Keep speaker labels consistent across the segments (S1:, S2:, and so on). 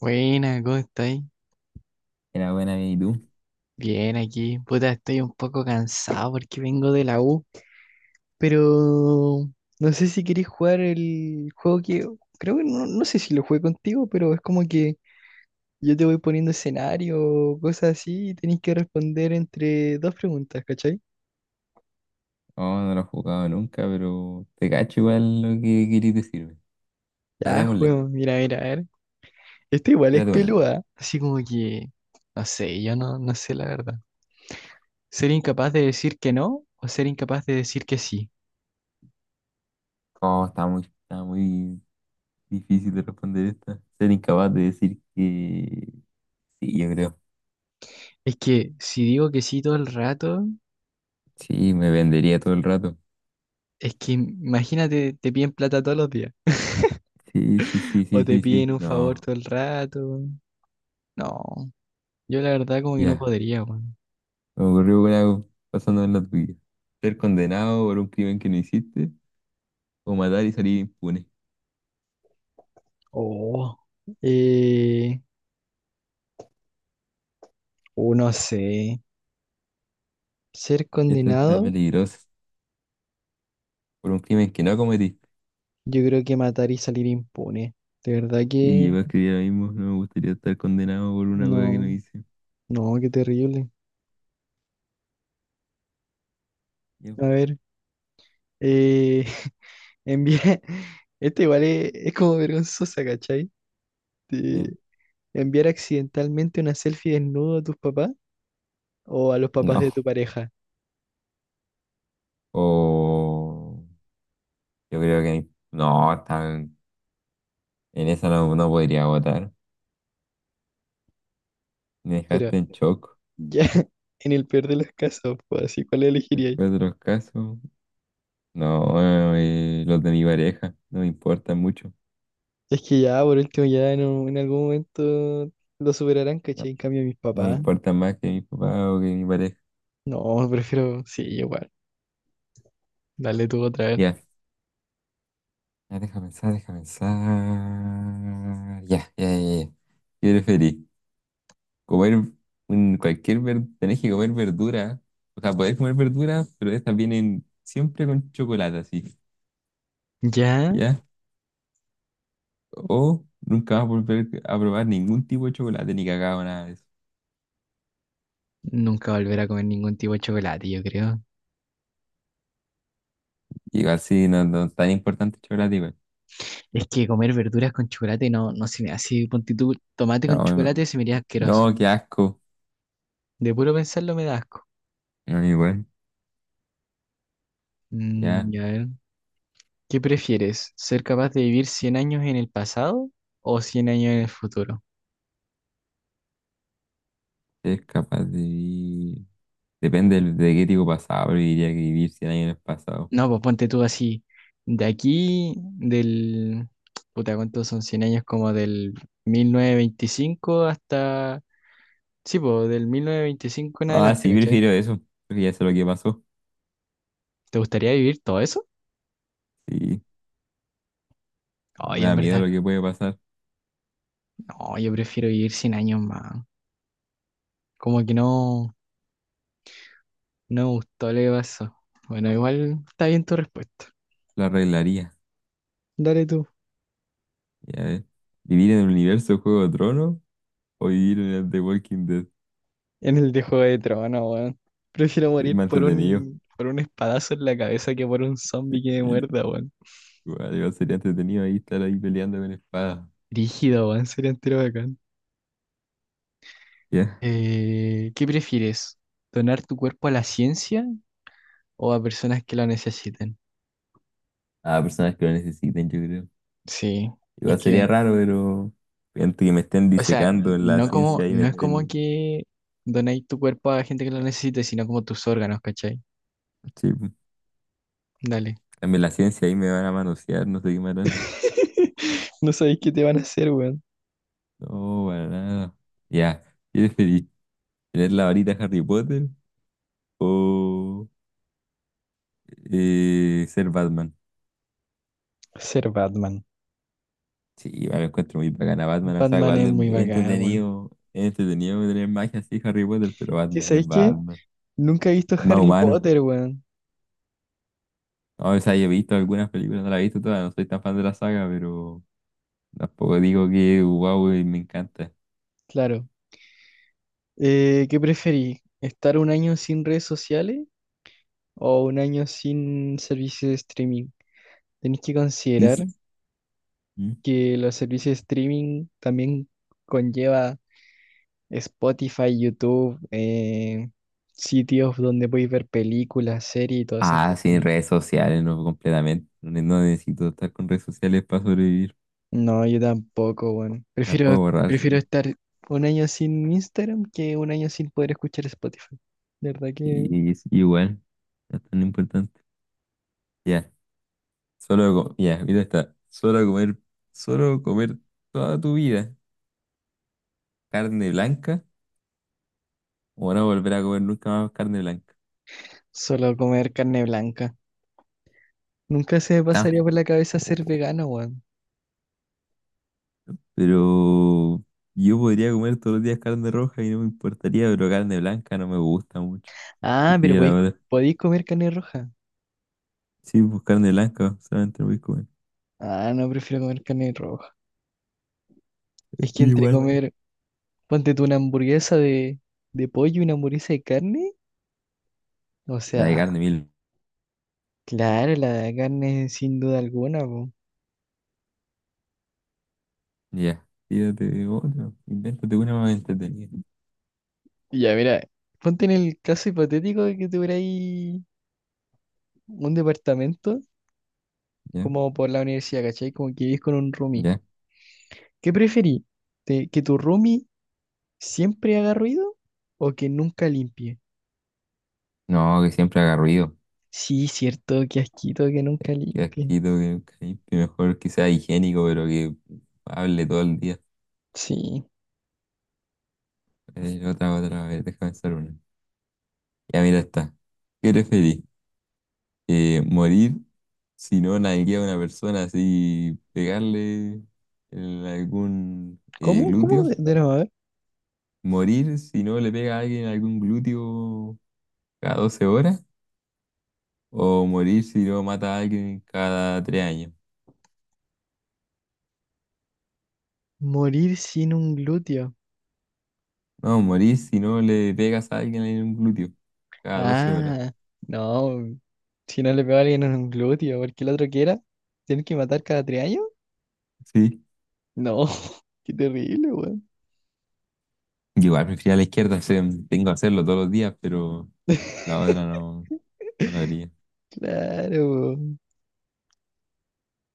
S1: Buena, ¿cómo estáis?
S2: Era buena, ¿y tú?
S1: Bien aquí. Puta, estoy un poco cansado porque vengo de la U, pero no sé si queréis jugar el juego que creo que no, no sé si lo jugué contigo, pero es como que yo te voy poniendo escenario, cosas así, y tenéis que responder entre dos preguntas, ¿cachai?
S2: Oh, no lo he jugado nunca, pero te cacho igual lo que querís decirme. Ya,
S1: Ya,
S2: démosle.
S1: juego, mira, mira, a ver. Esto igual es
S2: Tírate una.
S1: peluda, así como que no sé, yo no, no sé la verdad. Ser incapaz de decir que no o ser incapaz de decir que sí.
S2: Oh, está muy difícil de responder esta. Ser incapaz de decir que sí, yo creo.
S1: Es que si digo que sí todo el rato,
S2: Sí, me vendería todo el rato.
S1: es que imagínate, te piden plata todos los días.
S2: Sí, sí, sí,
S1: O
S2: sí,
S1: te
S2: sí,
S1: piden
S2: sí.
S1: un favor
S2: No,
S1: todo el rato. No, yo la verdad como que no
S2: ya.
S1: podría, weón.
S2: Me ocurrió una pasando en la tuya. Ser condenado por un crimen que no hiciste o matar y salir impune.
S1: Oh, eh, oh, no sé. Ser
S2: Esta está
S1: condenado,
S2: peligrosa. Por un crimen que no cometiste.
S1: yo creo que matar y salir impune. De verdad
S2: Y yo
S1: que
S2: iba a escribir ahora mismo, no me gustaría estar condenado por una cosa que
S1: no,
S2: no hice.
S1: no, qué terrible.
S2: Yo,
S1: A ver, eh, enviar, este igual es como vergonzosa, ¿cachai?
S2: ya.
S1: De enviar accidentalmente una selfie desnudo a tus papás o a los papás de
S2: No.
S1: tu pareja.
S2: O yo creo que no, en esa no, no podría votar. Me
S1: Pero
S2: dejaste en shock.
S1: ya, en el peor de los casos, pues así, ¿cuál elegiría ahí?
S2: Después de los casos, no, los de mi pareja, no me importan mucho.
S1: Es que ya, por último, ya en algún momento lo superarán,
S2: No,
S1: ¿cachai? En cambio, mis
S2: no me
S1: papás.
S2: importan más que mi papá o que mi pareja.
S1: No, prefiero, sí, igual. Dale tú otra vez.
S2: Ya, ya, deja pensar, deja pensar. Ya, ya, ya, ya. ¿Qué preferís? Comer cualquier verdura, tenés que comer verdura, o sea, podés comer verduras, pero estas vienen siempre con chocolate, así,
S1: Ya,
S2: ¿ya? O nunca vas a volver a probar ningún tipo de chocolate, ni cacao, nada de eso.
S1: nunca volver a comer ningún tipo de chocolate, yo creo.
S2: Y así, no, no es tan importante el chocolate, igual.
S1: Es que comer verduras con chocolate no, no se me hace, ponte tú, tomate con
S2: No,
S1: chocolate se me haría asqueroso.
S2: no, qué asco.
S1: De puro pensarlo me da asco.
S2: No, igual, ya,
S1: Ya ver, ¿qué prefieres? ¿Ser capaz de vivir 100 años en el pasado o 100 años en el futuro?
S2: es capaz de vivir. Depende de qué tipo pasado, pero diría que vivir 100 años en el pasado.
S1: No, pues ponte tú así, de aquí, del, puta, ¿cuántos son 100 años? Como del 1925 hasta, sí, pues del 1925 en
S2: Ah,
S1: adelante,
S2: sí,
S1: ¿cachai? Sí,
S2: prefiero eso, porque ya sé lo que pasó.
S1: ¿te gustaría vivir todo eso?
S2: Sí,
S1: Ay,
S2: me
S1: en
S2: da miedo
S1: verdad,
S2: lo
S1: sí,
S2: que puede pasar,
S1: no, yo prefiero vivir 100 años más. Como que no, no me gustó lo que pasó. Bueno, igual está bien tu respuesta.
S2: lo arreglaría.
S1: Dale tú.
S2: Ya. ¿Vivir en el universo Juego de Tronos o vivir en el de Walking Dead?
S1: En el de Juego de Tronos, weón. Prefiero
S2: Sí, es
S1: morir
S2: más
S1: por
S2: entretenido.
S1: un, por un espadazo en la cabeza que por un
S2: Sí,
S1: zombie que me muerda, weón.
S2: igual sería entretenido ahí estar ahí peleando con espadas.
S1: Rígido, weón, sería entero bacán.
S2: Ya.
S1: ¿Qué prefieres? ¿Donar tu cuerpo a la ciencia o a personas que lo necesiten?
S2: A personas que lo necesiten, yo creo.
S1: Sí, es
S2: Igual
S1: que,
S2: sería raro, pero gente que me estén
S1: o sea,
S2: disecando en la ciencia ahí me
S1: no es como
S2: estén.
S1: que donéis tu cuerpo a gente que lo necesite, sino como tus órganos, ¿cachai?
S2: Sí, pues,
S1: Dale.
S2: también la ciencia ahí me van a manosear, no sé qué me harán.
S1: No sabéis qué te van a hacer, weón.
S2: No, para nada. Ya. ¿Qué preferís? ¿Tener la varita Harry Potter o ser Batman?
S1: Ser Batman.
S2: Sí, igual lo encuentro muy bacán a Batman, o sea,
S1: Batman
S2: igual
S1: es
S2: es
S1: muy bacán, weón.
S2: entretenido, es entretenido tener magia así Harry Potter, pero
S1: ¿Qué sabéis qué?
S2: Batman,
S1: Nunca he visto
S2: es más
S1: Harry
S2: humano.
S1: Potter, weón.
S2: No, o sea, yo he visto algunas películas, no las he visto todas, no soy tan fan de la saga, pero tampoco digo que wow, y me encanta.
S1: Claro. ¿Qué preferís? ¿Estar un año sin redes sociales o un año sin servicios de streaming? Tenéis que considerar
S2: Ins- ¿Mm?
S1: que los servicios de streaming también conlleva Spotify, YouTube, sitios donde podéis ver películas, series y todas esas
S2: Ah,
S1: cosas.
S2: sin redes sociales, no completamente. No, no necesito estar con redes sociales para sobrevivir.
S1: No, yo tampoco, bueno.
S2: Las
S1: Prefiero,
S2: puedo borrar,
S1: prefiero
S2: sí.
S1: estar un año sin Instagram que un año sin poder escuchar Spotify. De verdad que
S2: Y es igual, no es tan importante. Ya, ya, mira está. Solo comer toda tu vida. Carne blanca o no volver a comer nunca más carne blanca.
S1: solo comer carne blanca. Nunca se me pasaría por
S2: Tampoco.
S1: la cabeza ser vegano, weón.
S2: Pero yo podría comer todos los días carne roja y no me importaría, pero carne blanca no me gusta mucho.
S1: Ah,
S2: Yo
S1: pero
S2: quería la
S1: podéis, Mm,
S2: verdad.
S1: podéis comer carne roja.
S2: Sí, pues carne blanca, solamente no voy a comer.
S1: Ah, no, prefiero comer carne roja. Es que entre bueno,
S2: Igual.
S1: comer ponte tú una hamburguesa de pollo y una hamburguesa de carne. O
S2: La de
S1: sea,
S2: carne mil.
S1: claro, la de carne sin duda alguna, po.
S2: Ya. Tírate otra. Invéntate una más entretenida.
S1: Y ya, mira, ponte en el caso hipotético de que tuvierais un departamento
S2: Ya,
S1: como por la universidad, ¿cachai? Como que vivís con un roomie.
S2: ya.
S1: ¿Qué preferís? ¿Que tu roomie siempre haga ruido o que nunca limpie?
S2: No, que siempre haga ruido.
S1: Sí, cierto, qué asquito que nunca
S2: Que
S1: limpie.
S2: asquito, que mejor que sea higiénico, pero que hable todo el día.
S1: Sí.
S2: Otra, otra, a ver, déjame pensar una. Ya mira esta. ¿Qué preferís? ¿Morir si no nalguea a una persona así, pegarle en algún
S1: ¿Cómo?
S2: glúteo?
S1: ¿Cómo? De nuevo, a ver.
S2: ¿Morir si no le pega a alguien algún glúteo cada 12 horas? ¿O morir si no mata a alguien cada 3 años?
S1: Morir sin un glúteo.
S2: No, morir si no le pegas a alguien en un glúteo cada 12 horas.
S1: Ah, no. Si no le pego a alguien en un glúteo, porque el otro quiera, ¿tienes que matar cada 3 años?
S2: Sí.
S1: No, qué terrible, weón.
S2: Yo igual prefiero a la izquierda, o sea, tengo que hacerlo todos los días, pero la otra no, no la haría.
S1: Claro.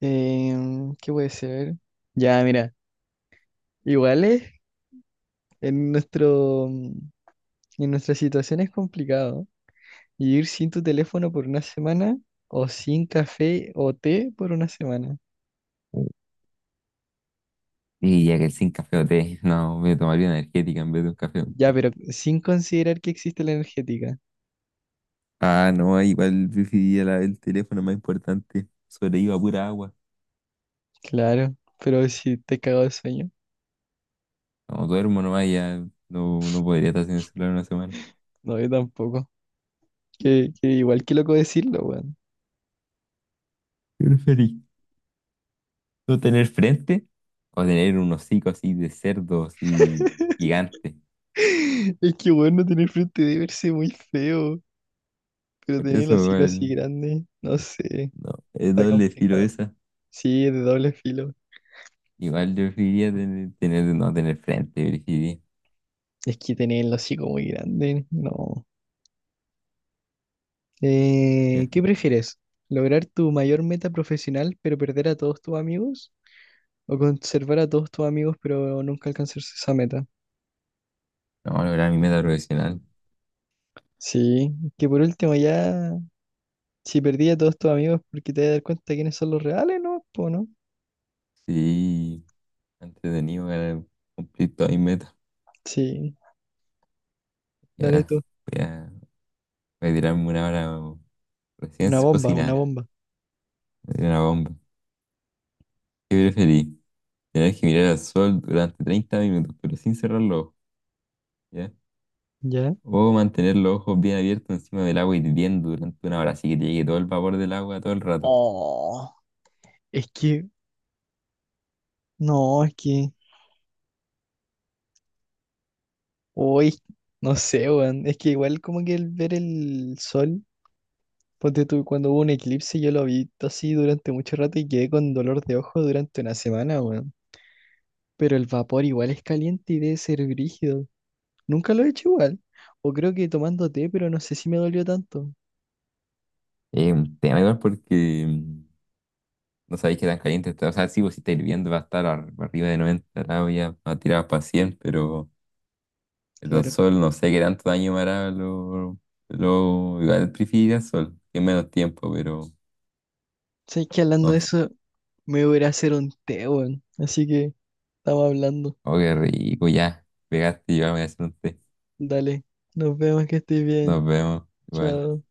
S1: ¿Qué puede ser? Ya, mira, igual es en nuestro, mm, en nuestra situación es complicado. Y ir sin tu teléfono por una semana o sin café o té por una semana.
S2: Y ya que el sin café o té, no, me tomaría una energética en vez de un café o un
S1: Ya,
S2: té.
S1: pero sin considerar que existe la energética.
S2: Ah, no, igual preferiría el teléfono más importante. Sobrevivo a pura agua.
S1: Claro, pero si te cago de sueño,
S2: No, duermo nomás y ya no, no podría estar sin el celular una semana.
S1: no, yo tampoco. Que igual que loco decirlo, weón.
S2: ¿Qué preferís? ¿No tener frente? O tener un hocico así de cerdo, así gigante.
S1: Es que bueno tener frente de verse muy feo, pero
S2: Por
S1: tener el
S2: eso
S1: hocico así
S2: igual,
S1: grande, no sé,
S2: no, es
S1: está
S2: doble filo
S1: complicado.
S2: esa.
S1: Sí, es de doble filo.
S2: Igual yo preferiría no tener frente, preferiría.
S1: Es que tener el hocico muy grande, no.
S2: Ya.
S1: ¿Qué prefieres? ¿Lograr tu mayor meta profesional pero perder a todos tus amigos? ¿O conservar a todos tus amigos pero nunca alcanzar esa meta?
S2: No, lograr mi meta profesional.
S1: Sí, que por último ya, si perdí a todos tus amigos porque te vas a dar cuenta de quiénes son los reales, ¿no? Po, ¿no?
S2: Sí. Entretenido para cumplir todas mis metas.
S1: Sí. Dale
S2: Ya,
S1: tú.
S2: voy a, voy a tirarme una hora recién
S1: Una bomba, una
S2: cocinada.
S1: bomba.
S2: Me tiré una bomba. ¿Qué preferís? Tener que mirar al sol durante 30 minutos, pero sin cerrar los ojos, ¿ya?
S1: ¿Ya?
S2: O mantener los ojos bien abiertos encima del agua y hirviendo durante una hora, así que te llegue todo el vapor del agua todo el rato.
S1: Oh, es que, no, es que, hoy, no sé, weón. Es que igual como que el ver el sol, ponte tú, cuando hubo un eclipse, yo lo vi así durante mucho rato y quedé con dolor de ojo durante una semana, weón. Pero el vapor igual es caliente y debe ser brígido. Nunca lo he hecho igual. O creo que tomando té, pero no sé si me dolió tanto.
S2: Es un tema igual porque no sabéis qué tan caliente está. O sea, sí, vos si está hirviendo va a estar arriba de 90 grados, ya va a tirar para 100, pero El Don
S1: Claro.
S2: Sol, no sé qué tanto daño me hará. Igual prefiero el Sol, que es menos tiempo, pero
S1: Sé que hablando
S2: no
S1: de
S2: sé.
S1: eso, me voy a ir a hacer un té, weón. Así que estamos hablando.
S2: Oh, qué rico, ya. Pegaste y yo me voy a hacer un té.
S1: Dale, nos vemos que estés
S2: Nos
S1: bien.
S2: vemos, igual.
S1: Chao.